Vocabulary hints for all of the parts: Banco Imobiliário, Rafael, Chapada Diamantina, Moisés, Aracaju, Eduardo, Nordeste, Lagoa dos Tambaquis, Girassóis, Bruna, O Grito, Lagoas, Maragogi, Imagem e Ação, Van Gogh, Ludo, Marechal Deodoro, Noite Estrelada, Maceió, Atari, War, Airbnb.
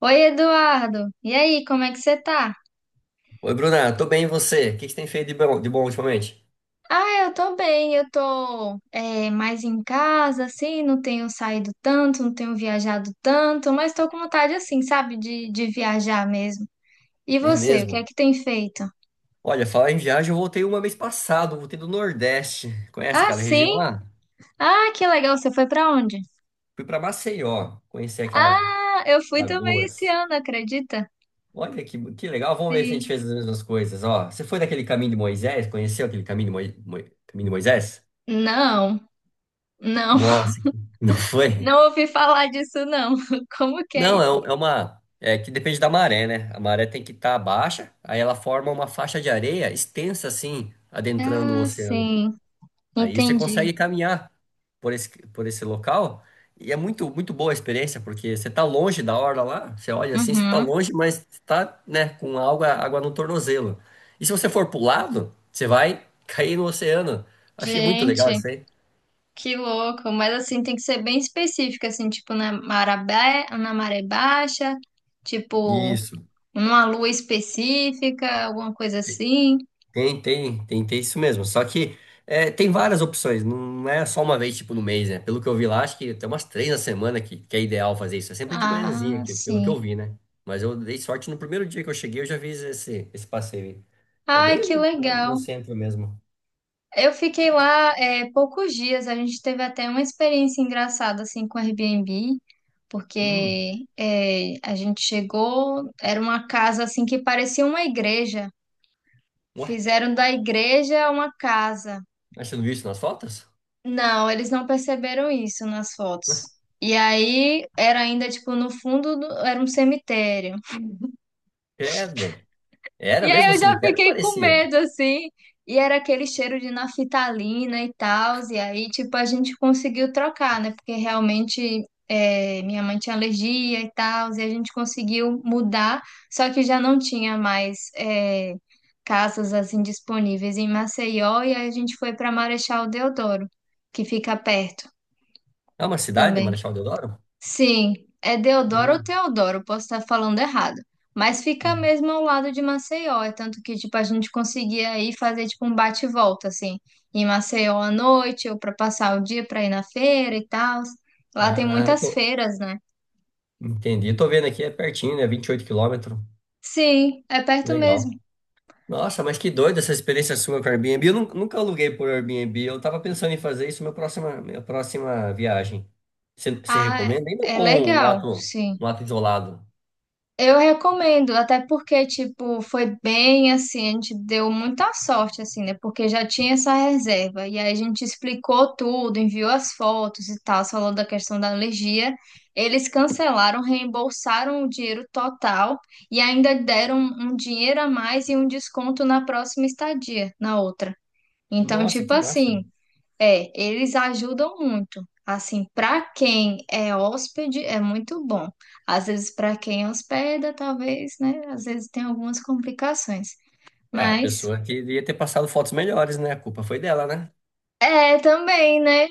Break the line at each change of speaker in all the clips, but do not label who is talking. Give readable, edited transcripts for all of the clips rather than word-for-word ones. Oi, Eduardo. E aí, como é que você tá?
Oi, Bruna, tô bem, e você? O que que você tem feito de bom ultimamente?
Ah, eu tô bem, eu tô é, mais em casa, assim, não tenho saído tanto, não tenho viajado tanto, mas tô com vontade, assim, sabe, de viajar mesmo. E
É
você, o que é
mesmo?
que tem feito?
Olha, falar em viagem, eu voltei uma vez passado, voltei do Nordeste. Conhece
Ah,
aquela região
sim?
lá?
Ah, que legal, você foi pra onde?
Fui pra Maceió, conheci aquela
Ah, eu fui também esse
Lagoas.
ano, acredita?
Olha que legal, vamos ver se a gente
Sim.
fez as mesmas coisas, ó. Você foi naquele caminho de Moisés? Conheceu aquele caminho de, caminho de Moisés?
Não, não,
Nossa, não foi?
não ouvi falar disso, não. Como que é
Não, é,
isso?
é uma... É que depende da maré, né? A maré tem que estar baixa, aí ela forma uma faixa de areia extensa assim, adentrando o
Ah,
oceano.
sim,
Aí você
entendi.
consegue caminhar por esse local e é muito, muito boa a experiência, porque você tá longe da orla lá, você olha assim, você tá
Uhum.
longe, mas tá, né, com água, água no tornozelo. E se você for pro lado, você vai cair no oceano. Achei muito legal
Gente.
isso aí.
Que louco, mas assim tem que ser bem específico, assim, tipo na maré baixa, tipo
Isso.
numa lua específica, alguma coisa assim.
Tem isso mesmo. Só que é, tem várias opções, não é só uma vez, tipo, no mês, né? Pelo que eu vi lá, acho que tem umas três na semana que é ideal fazer isso. É sempre de manhãzinha
Ah,
aqui, pelo que
sim.
eu vi, né? Mas eu dei sorte no primeiro dia que eu cheguei, eu já fiz esse passeio aí. É
Ai,
bem
que
ali no
legal.
centro mesmo.
Eu fiquei lá é, poucos dias, a gente teve até uma experiência engraçada assim com o Airbnb,
Hum,
porque é, a gente chegou, era uma casa assim que parecia uma igreja.
ué,
Fizeram da igreja uma casa.
mas você não viu isso nas fotos?
Não, eles não perceberam isso nas fotos. E aí era ainda tipo no fundo do- era um cemitério.
Credo. Era
E
mesmo
aí
o
eu já
cemitério?
fiquei com
Parecia.
medo assim. E era aquele cheiro de naftalina e tal. E aí tipo a gente conseguiu trocar, né? Porque realmente é, minha mãe tinha alergia e tal. E a gente conseguiu mudar. Só que já não tinha mais é, casas assim disponíveis em Maceió. E aí a gente foi para Marechal Deodoro, que fica perto
É uma cidade,
também.
Marechal Deodoro?
Sim, é Deodoro ou
Hum,
Teodoro, posso estar falando errado. Mas fica
hum.
mesmo ao lado de Maceió, é tanto que tipo a gente conseguia aí fazer tipo um bate e volta assim, em Maceió à noite ou para passar o dia para ir na feira e tal. Lá tem
Ah,
muitas
tô-
feiras, né?
entendi. Tô vendo aqui, é pertinho, né? 28 km.
Sim, é perto mesmo.
Legal. Nossa, mas que doido essa experiência sua com o Airbnb. Eu nunca aluguei por Airbnb. Eu tava pensando em fazer isso na próxima, minha próxima viagem. Você
Ah,
recomenda? Ainda
é
com um
legal,
ato,
sim.
um ato isolado.
Eu recomendo, até porque, tipo, foi bem assim, a gente deu muita sorte, assim, né? Porque já tinha essa reserva. E aí a gente explicou tudo, enviou as fotos e tal, falou da questão da alergia. Eles cancelaram, reembolsaram o dinheiro total e ainda deram um dinheiro a mais e um desconto na próxima estadia, na outra. Então,
Nossa,
tipo
que massa.
assim. É, eles ajudam muito. Assim, para quem é hóspede, é muito bom. Às vezes, para quem hospeda, talvez, né? Às vezes tem algumas complicações.
É, a
Mas
pessoa que ia ter passado fotos melhores, né? A culpa foi dela, né?
é também, né?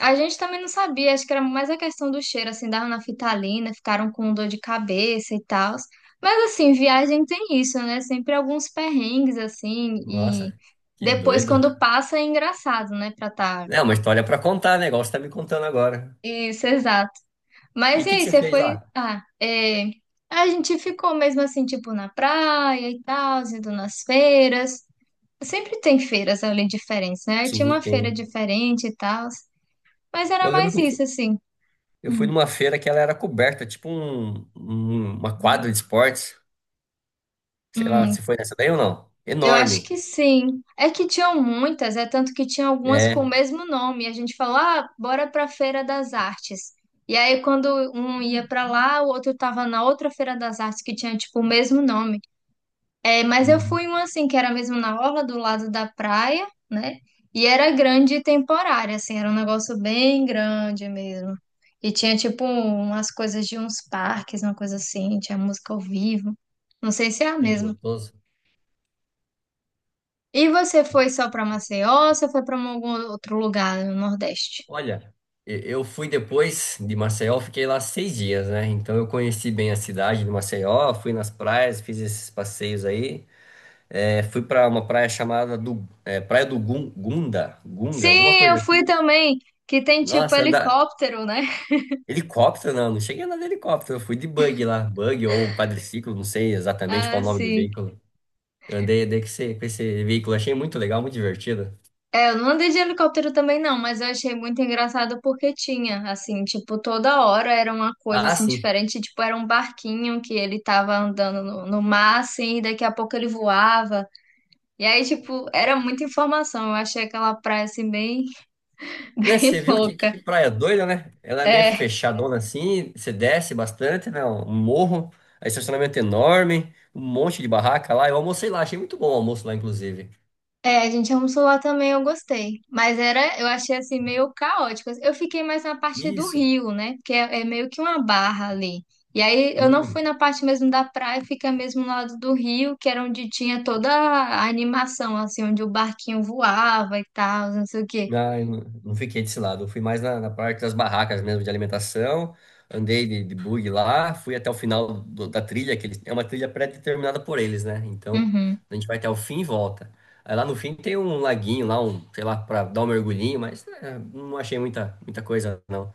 A gente também não sabia, acho que era mais a questão do cheiro, assim, da nafitalina, ficaram com dor de cabeça e tal. Mas assim, viagem tem isso, né? Sempre alguns perrengues, assim, e
Nossa, que
depois
doido.
quando passa é engraçado, né? Pra tá.
É uma história pra contar, né? Igual você tá me contando agora.
Isso, exato.
E
Mas
o
e
que que
aí,
você
você
fez
foi.
lá?
Ah, é, a gente ficou mesmo assim, tipo, na praia e tal, indo nas feiras. Sempre tem feiras ali diferentes, né? Aí tinha
Sim,
uma feira
tem.
diferente e tal. Mas era
Eu lembro
mais
que
isso, assim.
eu fui
Hum,
numa feira que ela era coberta, tipo uma quadra de esportes. Sei lá
hum,
se foi nessa daí ou não.
eu acho
Enorme.
que sim. É que tinham muitas, é tanto que tinha algumas com o
É.
mesmo nome. A gente falou, ah, bora pra Feira das Artes. E aí, quando um ia pra lá, o outro tava na outra Feira das Artes que tinha, tipo, o mesmo nome. É, mas eu
Uhum.
fui uma assim, que era mesmo na orla do lado da praia, né? E era grande e temporária, assim, era um negócio bem grande mesmo. E tinha, tipo, umas coisas de uns parques, uma coisa assim, tinha música ao vivo. Não sei se é a
Ai, que
mesma.
gostoso.
E você foi só pra Maceió ou você foi pra algum outro lugar no Nordeste?
Olha, eu fui depois de Maceió, fiquei lá 6 dias, né? Então eu conheci bem a cidade de Maceió, fui nas praias, fiz esses passeios aí. É, fui para uma praia chamada do, é, Praia do Gunga, alguma
Sim, eu
coisa
fui
assim.
também, que tem, tipo,
Nossa, andar.
helicóptero, né?
Helicóptero, não, não cheguei a andar de helicóptero, eu fui de bug lá, bug ou quadriciclo, não sei exatamente qual
Ah,
é o nome do
sim.
veículo. Eu andei, andei com esse veículo, achei muito legal, muito divertido.
É, eu não andei de helicóptero também não, mas eu achei muito engraçado porque tinha, assim, tipo, toda hora era uma coisa,
Ah,
assim,
sim.
diferente, tipo, era um barquinho que ele tava andando no, no mar, assim, e daqui a pouco ele voava, e aí, tipo, era muita informação, eu achei aquela praia, assim, bem,
Né,
bem
você viu que,
louca.
que praia doida, né? Ela é meio
É,
fechadona assim, você desce bastante, né? Um morro, aí estacionamento enorme, um monte de barraca lá. Eu almocei lá, achei muito bom o almoço lá, inclusive.
É, a gente almoçou lá também, eu gostei. Mas era, eu achei assim meio caótico. Eu fiquei mais na parte do
Isso.
rio, né? Que é, é meio que uma barra ali. E aí eu não fui
Hum.
na parte mesmo da praia, fica mesmo no lado do rio, que era onde tinha toda a animação, assim, onde o barquinho voava e tal, não sei o quê.
Ah, eu não, Não fiquei desse lado. Eu fui mais na parte das barracas mesmo de alimentação. Andei de bug lá, fui até o final da trilha, que eles, é uma trilha pré-determinada por eles, né? Então,
Uhum.
a gente vai até o fim e volta. Aí lá no fim tem um laguinho lá, um, sei lá, para dar um mergulhinho, mas é, não achei muita coisa, não.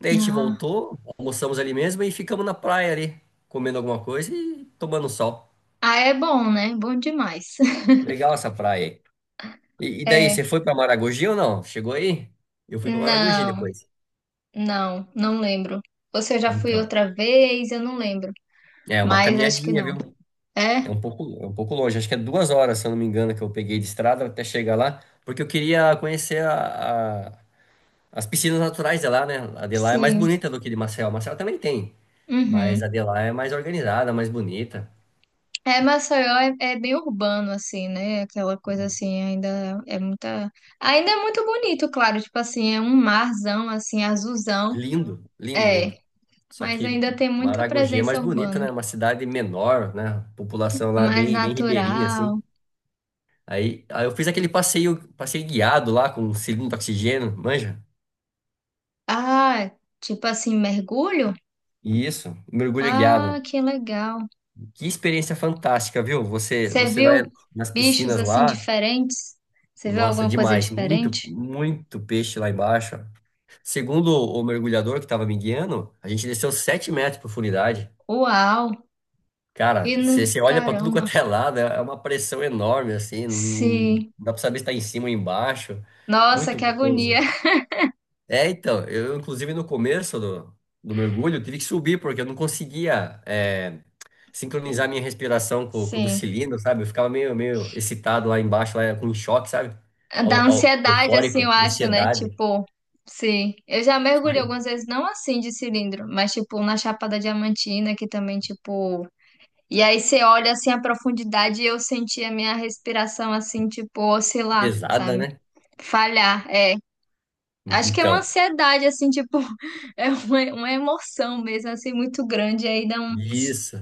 Daí a gente
Ah.
voltou, almoçamos ali mesmo e ficamos na praia ali, comendo alguma coisa e tomando sol.
Ah, é bom, né? Bom demais.
Legal essa praia aí. E daí,
É.
você foi para Maragogi ou não? Chegou aí? Eu fui para Maragogi
Não,
depois.
não, não lembro. Ou se eu já fui
Então.
outra vez, eu não lembro.
É uma
Mas acho que
caminhadinha,
não.
viu? É
É?
um pouco, é um pouco longe. Acho que é 2 horas, se eu não me engano, que eu peguei de estrada até chegar lá, porque eu queria conhecer as piscinas naturais de lá, né? A de lá é mais
Sim.
bonita do que de Maceió. Maceió também tem, mas a
Uhum.
de lá é mais organizada, mais bonita.
É, Maceió é, bem urbano, assim, né? Aquela coisa assim, ainda é muita. Ainda é muito bonito, claro, tipo assim, é um marzão, assim, azulzão.
Lindo, lindo,
É,
lindo. Só
mas
que
ainda tem muita
Maragogi é mais
presença
bonito,
urbana.
né? Uma cidade menor, né? A população lá é
Mais
bem, bem ribeirinha, assim.
natural.
Aí eu fiz aquele passeio, passeio guiado lá com um cilindro de oxigênio, manja?
Ah, tipo assim, mergulho?
Isso, mergulho guiado.
Ah, que legal.
Que experiência fantástica, viu? Você,
Você
você
viu
vai nas
bichos
piscinas
assim
lá.
diferentes? Você viu
Nossa,
alguma coisa
demais.
diferente?
Muito, muito peixe lá embaixo. Segundo o mergulhador que estava me guiando, a gente desceu 7 metros de profundidade.
Uau!
Cara, você olha para tudo
Caramba!
quanto é lado, é uma pressão enorme, assim. Não
Sim.
dá para saber se está em cima ou embaixo.
Nossa,
Muito
que agonia!
gostoso. É, então, eu, inclusive, no começo do mergulho, eu tive que subir, porque eu não conseguia. É, sincronizar minha respiração com o do
Sim.
cilindro, sabe? Eu ficava meio excitado lá embaixo, lá com choque, sabe?
Da ansiedade, assim,
Eufórico,
eu acho, né?
ansiedade.
Tipo, sim. Eu já mergulhei
Foi
algumas vezes, não assim de cilindro, mas tipo na Chapada Diamantina, que também, tipo. E aí você olha assim a profundidade e eu senti a minha respiração assim, tipo, oscilar,
pesada,
sabe?
né?
Falhar, é. Acho que é uma
Então,
ansiedade, assim, tipo, é uma emoção mesmo, assim, muito grande. E aí dá um.
isso.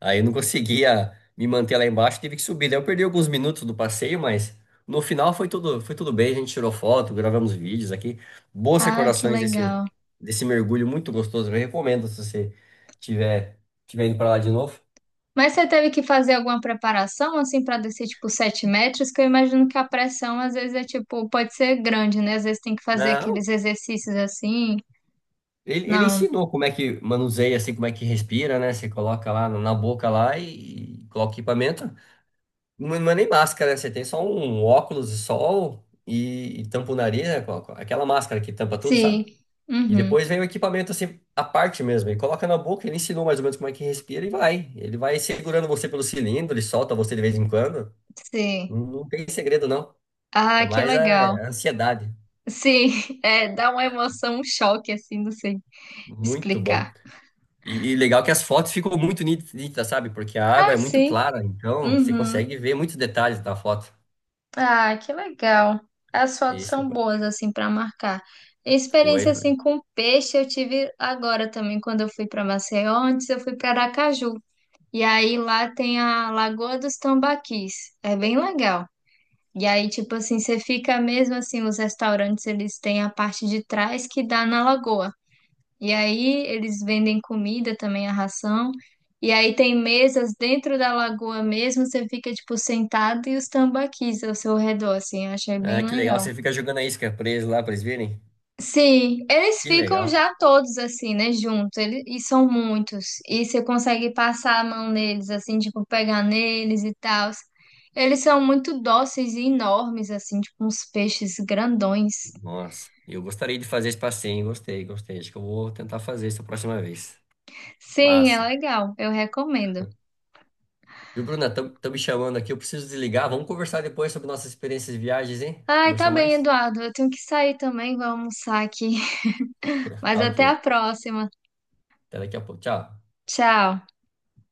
Aí eu não conseguia me manter lá embaixo, tive que subir. Daí eu perdi alguns minutos do passeio, mas no final foi tudo bem. A gente tirou foto, gravamos vídeos aqui. Boas
Ah, que
recordações
legal.
desse mergulho muito gostoso. Eu recomendo se você tiver, tiver indo para lá de novo.
Mas você teve que fazer alguma preparação, assim, para descer, tipo, 7 metros? Que eu imagino que a pressão, às vezes, é, tipo, pode ser grande, né? Às vezes tem que fazer
Não.
aqueles exercícios assim.
Ele
Não.
ensinou como é que manuseia, assim, como é que respira, né? Você coloca lá na boca lá e coloca o equipamento. Não, não é nem máscara, né? Você tem só um óculos de sol e tampa o nariz, né? Com aquela máscara que tampa tudo, sabe?
Sim.
E
Uhum.
depois vem o equipamento, assim, à parte mesmo. E coloca na boca, ele ensinou mais ou menos como é que respira e vai. Ele vai segurando você pelo cilindro, ele solta você de vez em quando.
Sim.
Não, não tem segredo, não. É
Ah, que
mais
legal.
a ansiedade.
Sim. É, dá uma emoção, um choque, assim, não sei
Muito
explicar.
bom. E legal que as fotos ficam muito nítidas, sabe? Porque a água
Ah,
é muito
sim.
clara, então você
Uhum.
consegue ver muitos detalhes da foto.
Ah, que legal. As fotos
Esse
são boas assim para marcar. Experiência
foi.
assim com peixe eu tive agora também quando eu fui para Maceió, antes eu fui para Aracaju. E aí lá tem a Lagoa dos Tambaquis. É bem legal. E aí tipo assim, você fica mesmo assim, os restaurantes eles têm a parte de trás que dá na lagoa. E aí eles vendem comida também, a ração. E aí tem mesas dentro da lagoa mesmo, você fica tipo sentado e os tambaquis ao seu redor, assim, eu achei bem
Ah, que legal,
legal.
você fica jogando a isca preso lá pra eles verem.
Sim, eles
Que
ficam
legal.
já todos assim, né, juntos, eles, e são muitos. E você consegue passar a mão neles, assim, tipo, pegar neles e tal. Eles são muito dóceis e enormes, assim, tipo uns peixes grandões.
Nossa, eu gostaria de fazer esse passeio, hein? Gostei, gostei. Acho que eu vou tentar fazer isso a próxima vez.
Sim, é
Massa.
legal, eu recomendo.
Viu, Bruna? Estão me chamando aqui, eu preciso desligar. Vamos conversar depois sobre nossas experiências de viagens, hein?
Ai, tá
Conversar
bem,
mais?
Eduardo. Eu tenho que sair também, vou almoçar aqui. Mas
Tá
até
ok.
a próxima.
Até daqui a pouco. Tchau.
Tchau.